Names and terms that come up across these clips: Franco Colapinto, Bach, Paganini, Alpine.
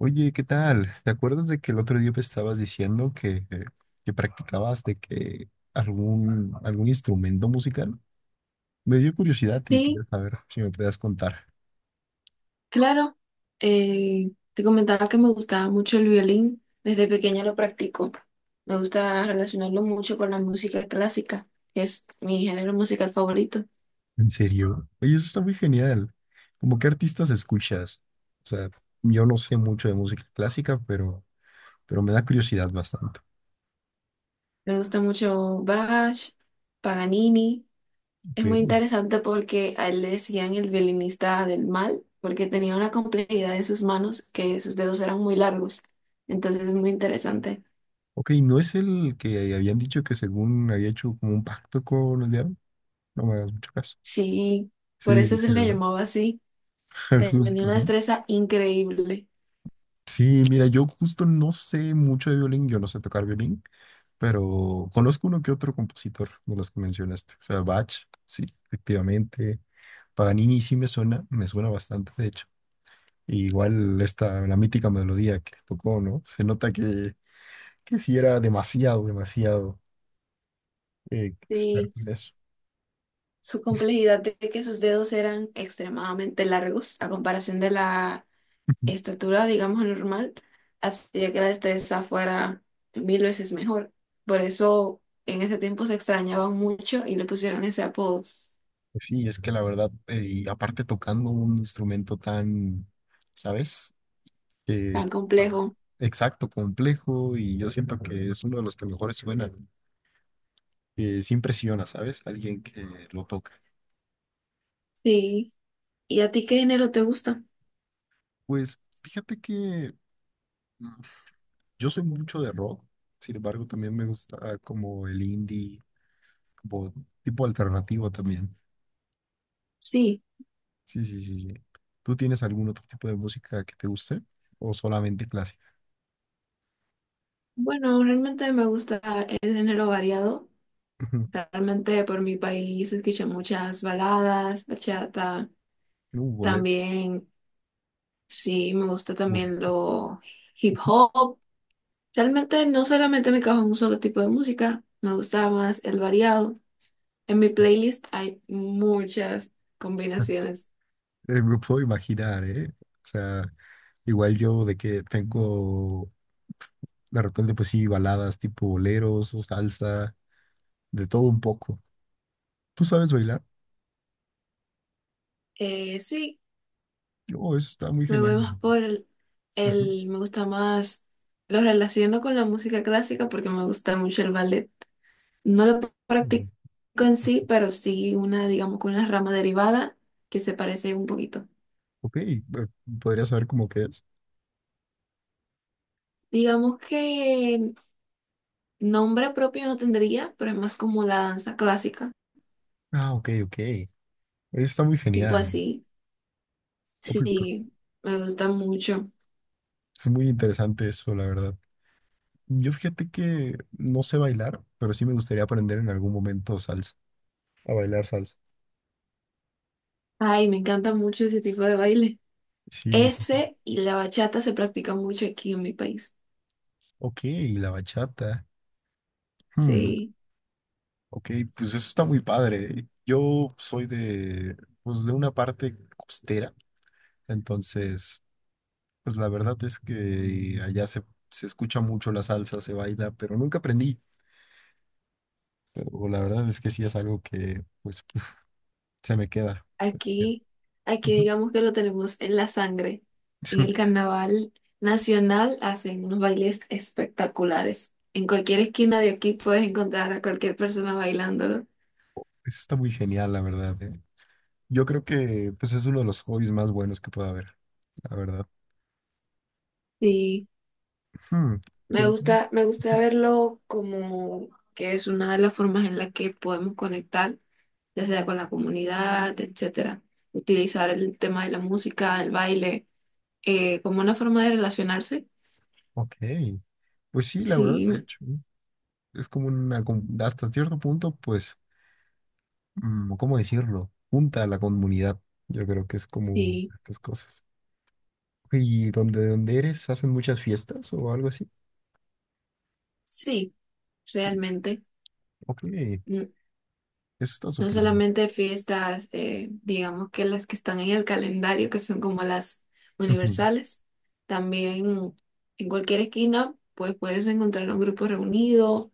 Oye, ¿qué tal? ¿Te acuerdas de que el otro día me estabas diciendo que practicabas de que algún instrumento musical? Me dio curiosidad y Sí, quería saber si me podías contar. claro. Te comentaba que me gustaba mucho el violín. Desde pequeña lo practico. Me gusta relacionarlo mucho con la música clásica, que es mi género musical favorito. ¿En serio? Oye, eso está muy genial. ¿Cómo qué artistas escuchas? O sea, yo no sé mucho de música clásica, pero me da curiosidad bastante. Me gusta mucho Bach, Paganini. Es muy Ok, interesante porque a él le decían el violinista del mal, porque tenía una complejidad en sus manos que sus dedos eran muy largos. Entonces es muy interesante. ok, ¿no es el que habían dicho que según había hecho como un pacto con el diablo? No me hagas mucho caso. Sí, por Sí, eso se sí, le ¿verdad? llamaba así. Tenía Justo, una ¿no? destreza increíble. Sí, mira, yo justo no sé mucho de violín, yo no sé tocar violín, pero conozco uno que otro compositor de los que mencionaste. O sea, Bach, sí, efectivamente. Paganini sí me suena bastante, de hecho. Y igual esta, la mítica melodía que tocó, ¿no? Se nota que sí era demasiado, demasiado experto Sí, en eso. su complejidad de que sus dedos eran extremadamente largos a comparación de la estatura, digamos, normal, hacía que la destreza fuera 1000 veces mejor. Por eso en ese tiempo se extrañaban mucho y le pusieron ese apodo Pues sí, es que la verdad, y aparte tocando un instrumento tan, ¿sabes? que, tan habrá- complejo. exacto, complejo, y yo siento que es uno de los que mejores suenan, que sí impresiona, ¿sabes? Alguien que lo toca. Sí. ¿Y a ti qué género te gusta? Pues fíjate que mm, yo soy mucho de rock, sin embargo, también me gusta como el indie, como tipo alternativo también. Sí. Sí, sí, sí, sí. ¿Tú tienes algún otro tipo de música que te guste o solamente clásica? Bueno, realmente me gusta el género variado. Realmente por mi país escucho muchas baladas, bachata, No, bolero. también. Sí, me gusta Uf. también lo hip hop. Realmente no solamente me cajo en un solo tipo de música, me gusta más el variado. En mi playlist hay muchas combinaciones. Me puedo imaginar, ¿eh? O sea, igual yo de que tengo. De repente, pues sí, baladas tipo boleros o salsa, de todo un poco. ¿Tú sabes bailar? Sí, Oh, eso está muy me voy genial, la más verdad. por Ujú. el- me gusta más, lo relaciono con la música clásica porque me gusta mucho el ballet. No lo practico Ujú. en sí, pero sí una, digamos, con una rama derivada que se parece un poquito. Ok, podría saber cómo que es. Digamos que nombre propio no tendría, pero es más como la danza clásica, Ah, ok, ok. Está muy tipo genial. así. Uy, pero Sí, me gusta mucho. es muy interesante eso, la verdad. Yo fíjate que no sé bailar, pero sí me gustaría aprender en algún momento salsa, a bailar salsa. Ay, me encanta mucho ese tipo de baile. Sí, sí. Ese y la bachata se practican mucho aquí en mi país. Ok, la bachata. Hmm, Sí, ok, pues eso está muy padre. Yo soy de, pues, de una parte costera. Entonces, pues la verdad es que se escucha mucho la salsa, se baila, pero nunca aprendí. Pero la verdad es que sí es algo que, pues, uf, se me queda. aquí, aquí Ujú. digamos que lo tenemos en la sangre. En el carnaval nacional hacen unos bailes espectaculares. En cualquier esquina de aquí puedes encontrar a cualquier persona bailándolo. Eso está muy genial, la verdad, ¿eh? Yo creo que, pues, es uno de los hobbies más buenos que puede haber, la verdad. Sí. Hmm. Y Me en- gusta, me gusta Ujú, verlo como que es una de las formas en las que podemos conectar, ya sea con la comunidad, etcétera. Utilizar el tema de la música, el baile, como una forma de relacionarse. ok, pues sí, la verdad, Sí, de hecho, ¿no? Es como una, hasta cierto punto, pues, mm, ¿cómo decirlo? Junta a la comunidad. Yo creo que es como sí, estas cosas. ¿Y donde eres hacen muchas fiestas o algo así? sí, Sí, realmente. ok, eso Mm, está No súper bien. solamente fiestas, digamos que las que están en el calendario, que son como las universales, también en cualquier esquina, pues puedes encontrar un grupo reunido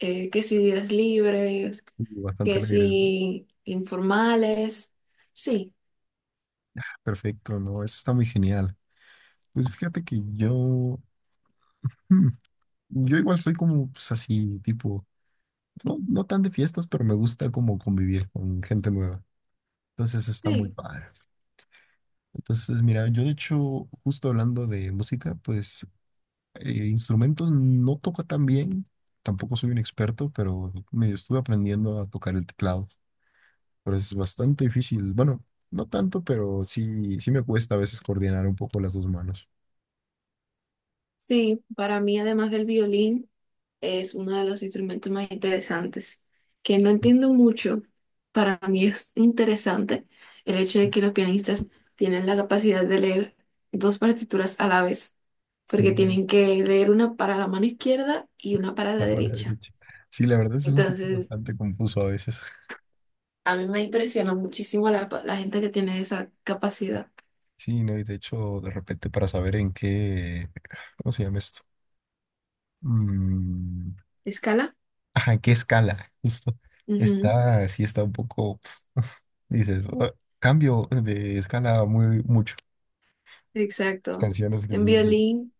que si días libres, Y bastante que alegre, si informales. Sí, perfecto, ¿no? Eso está muy genial. Pues fíjate que yo, hmm, yo igual soy como pues, así, tipo, no tan de fiestas, pero me gusta como convivir con gente nueva. Entonces eso está muy sí, padre. Entonces, mira, yo de hecho, justo hablando de música, pues instrumentos no toco tan bien, tampoco soy un experto, pero medio estuve aprendiendo a tocar el teclado. Pero es bastante difícil. Bueno, no tanto, pero sí, sí me cuesta a veces coordinar un poco las dos manos. sí, para mí además del violín es uno de los instrumentos más interesantes, que no entiendo mucho, para mí es interesante el hecho de que los pianistas tienen la capacidad de leer dos partituras a la vez, porque Sí, tienen que leer una para la mano izquierda y una para la la palabra derecha. derecha. Sí, la verdad es un poco Entonces, bastante confuso a veces. a mí me impresiona muchísimo la gente que tiene esa capacidad. Sí, no, y de hecho, de repente para saber en qué, ¿cómo se llama esto? Mm, Escala. ajá, en qué escala, justo. Ujú. Está, sí está un poco, pf, dices, "Ah, cambio de escala muy mucho." Las Exacto. canciones que En sí dices. violín,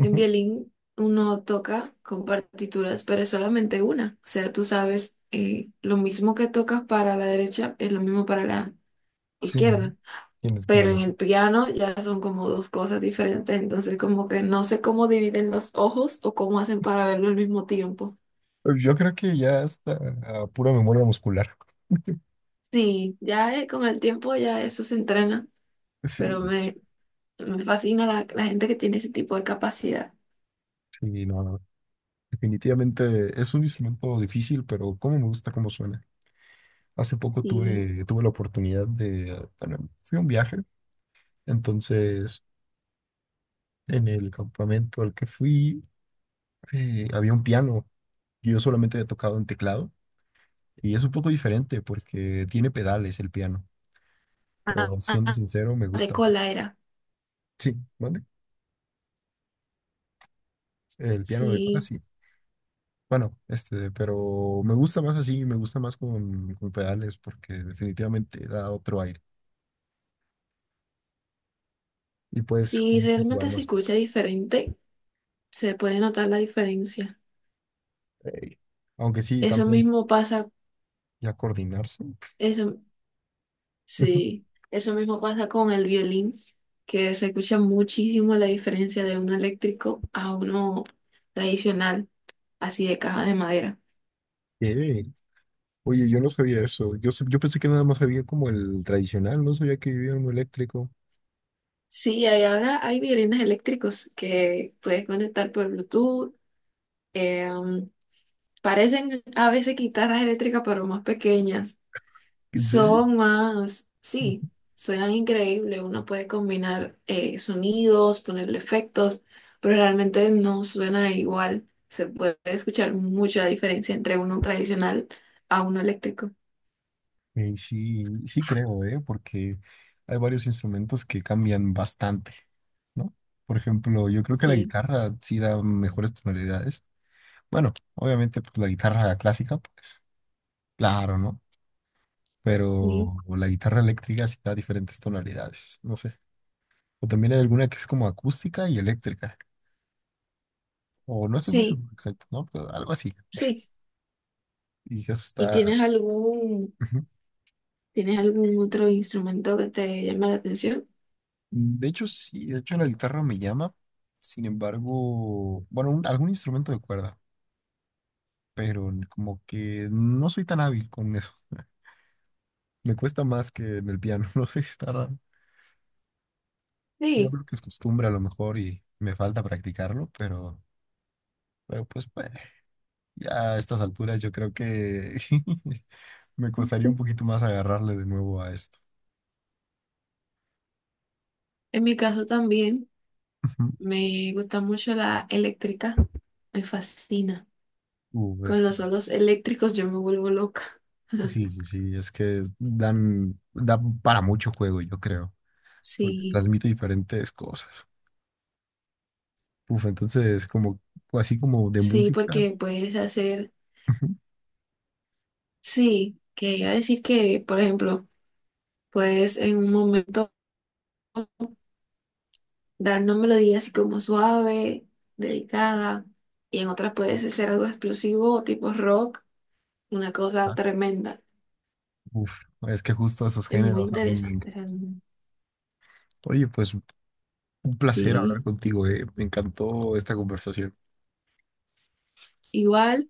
en violín uno toca con partituras, pero es solamente una. O sea, tú sabes, lo mismo que tocas para la derecha es lo mismo para la Sí, ¿no? izquierda. Tienes como Pero en las. el piano ya son como dos cosas diferentes. Entonces, como que no sé cómo dividen los ojos o cómo hacen para verlo al mismo tiempo. Yo creo que ya está a pura memoria muscular. Sí, ya con el tiempo ya eso se entrena, Sí, pero me fascina la gente que tiene ese tipo de capacidad. sí, no, no. Definitivamente es un instrumento difícil, pero cómo me gusta cómo suena. Hace poco Sí. Tuve la oportunidad de, bueno, fui a un viaje, entonces en el campamento al que fui había un piano. Yo solamente he tocado en teclado y es un poco diferente porque tiene pedales el piano, pero siendo sincero me De gusta más. cola era. Sí, ¿mande? El piano de cola, Sí, sí. Bueno, este, pero me gusta más así, me gusta más con pedales porque definitivamente da otro aire y puedes sí, como que realmente jugar se más escucha cosas. diferente, se puede notar la diferencia. Ey. Aunque sí, Eso también mismo pasa, ya coordinarse. eso, sí, eso mismo pasa con el violín, que se escucha muchísimo la diferencia de uno eléctrico a uno tradicional, así de caja de madera. ¿Qué? Oye, yo no sabía eso. Yo, yo pensé que nada más había como el tradicional, no sabía que había uno eléctrico. Sí, hay- ahora hay violines eléctricos que puedes conectar por Bluetooth. eh, um, Parecen a veces guitarras eléctricas, pero más pequeñas. ¿En serio? Son más, sí, suenan increíble. Uno puede combinar sonidos, ponerle efectos, pero realmente no suena igual. Se puede escuchar mucha diferencia entre uno tradicional a uno eléctrico. Ey, sí, sí creo, ¿eh? Porque hay varios instrumentos que cambian bastante, ¿no? Por ejemplo, yo creo que la Sí, guitarra sí da mejores tonalidades. Bueno, obviamente pues, la guitarra clásica, pues claro, ¿no? sí, Pero la guitarra eléctrica sí da diferentes tonalidades, no sé. O también hay alguna que es como acústica y eléctrica. O no estoy muy sí, seguro exacto, ¿no? Pero algo así. sí. Y eso ¿Y está... Ujú. tienes algún otro instrumento que te llama la atención? De hecho, sí, de hecho la guitarra me llama. Sin embargo, bueno, algún instrumento de cuerda, pero como que no soy tan hábil con eso. Me cuesta más que en el piano, no sé, está raro. Yo Sí, creo que es costumbre a lo mejor y me falta practicarlo, pero... Pero pues bueno, ya a estas alturas yo creo que me costaría un poquito más agarrarle de nuevo a esto. en mi caso también Ujú. me gusta mucho la eléctrica. Me fascina. Uh, Con es que- los solos eléctricos yo me vuelvo loca. sí, sí, sí, es que dan, dan para mucho juego, yo creo, porque Sí, transmite diferentes cosas. Uf, entonces, como, así como de sí, música. porque puedes hacer, Ujú. sí, que iba a decir que, por ejemplo, puedes en un momento dar una melodía así como suave, delicada, y en otras puedes hacer algo explosivo, tipo rock, una cosa Ah, tremenda. uf, es que justo esos Es muy géneros a mí me encantan. interesante realmente. Oye, pues un placer hablar Sí, contigo, me encantó esta conversación. igual.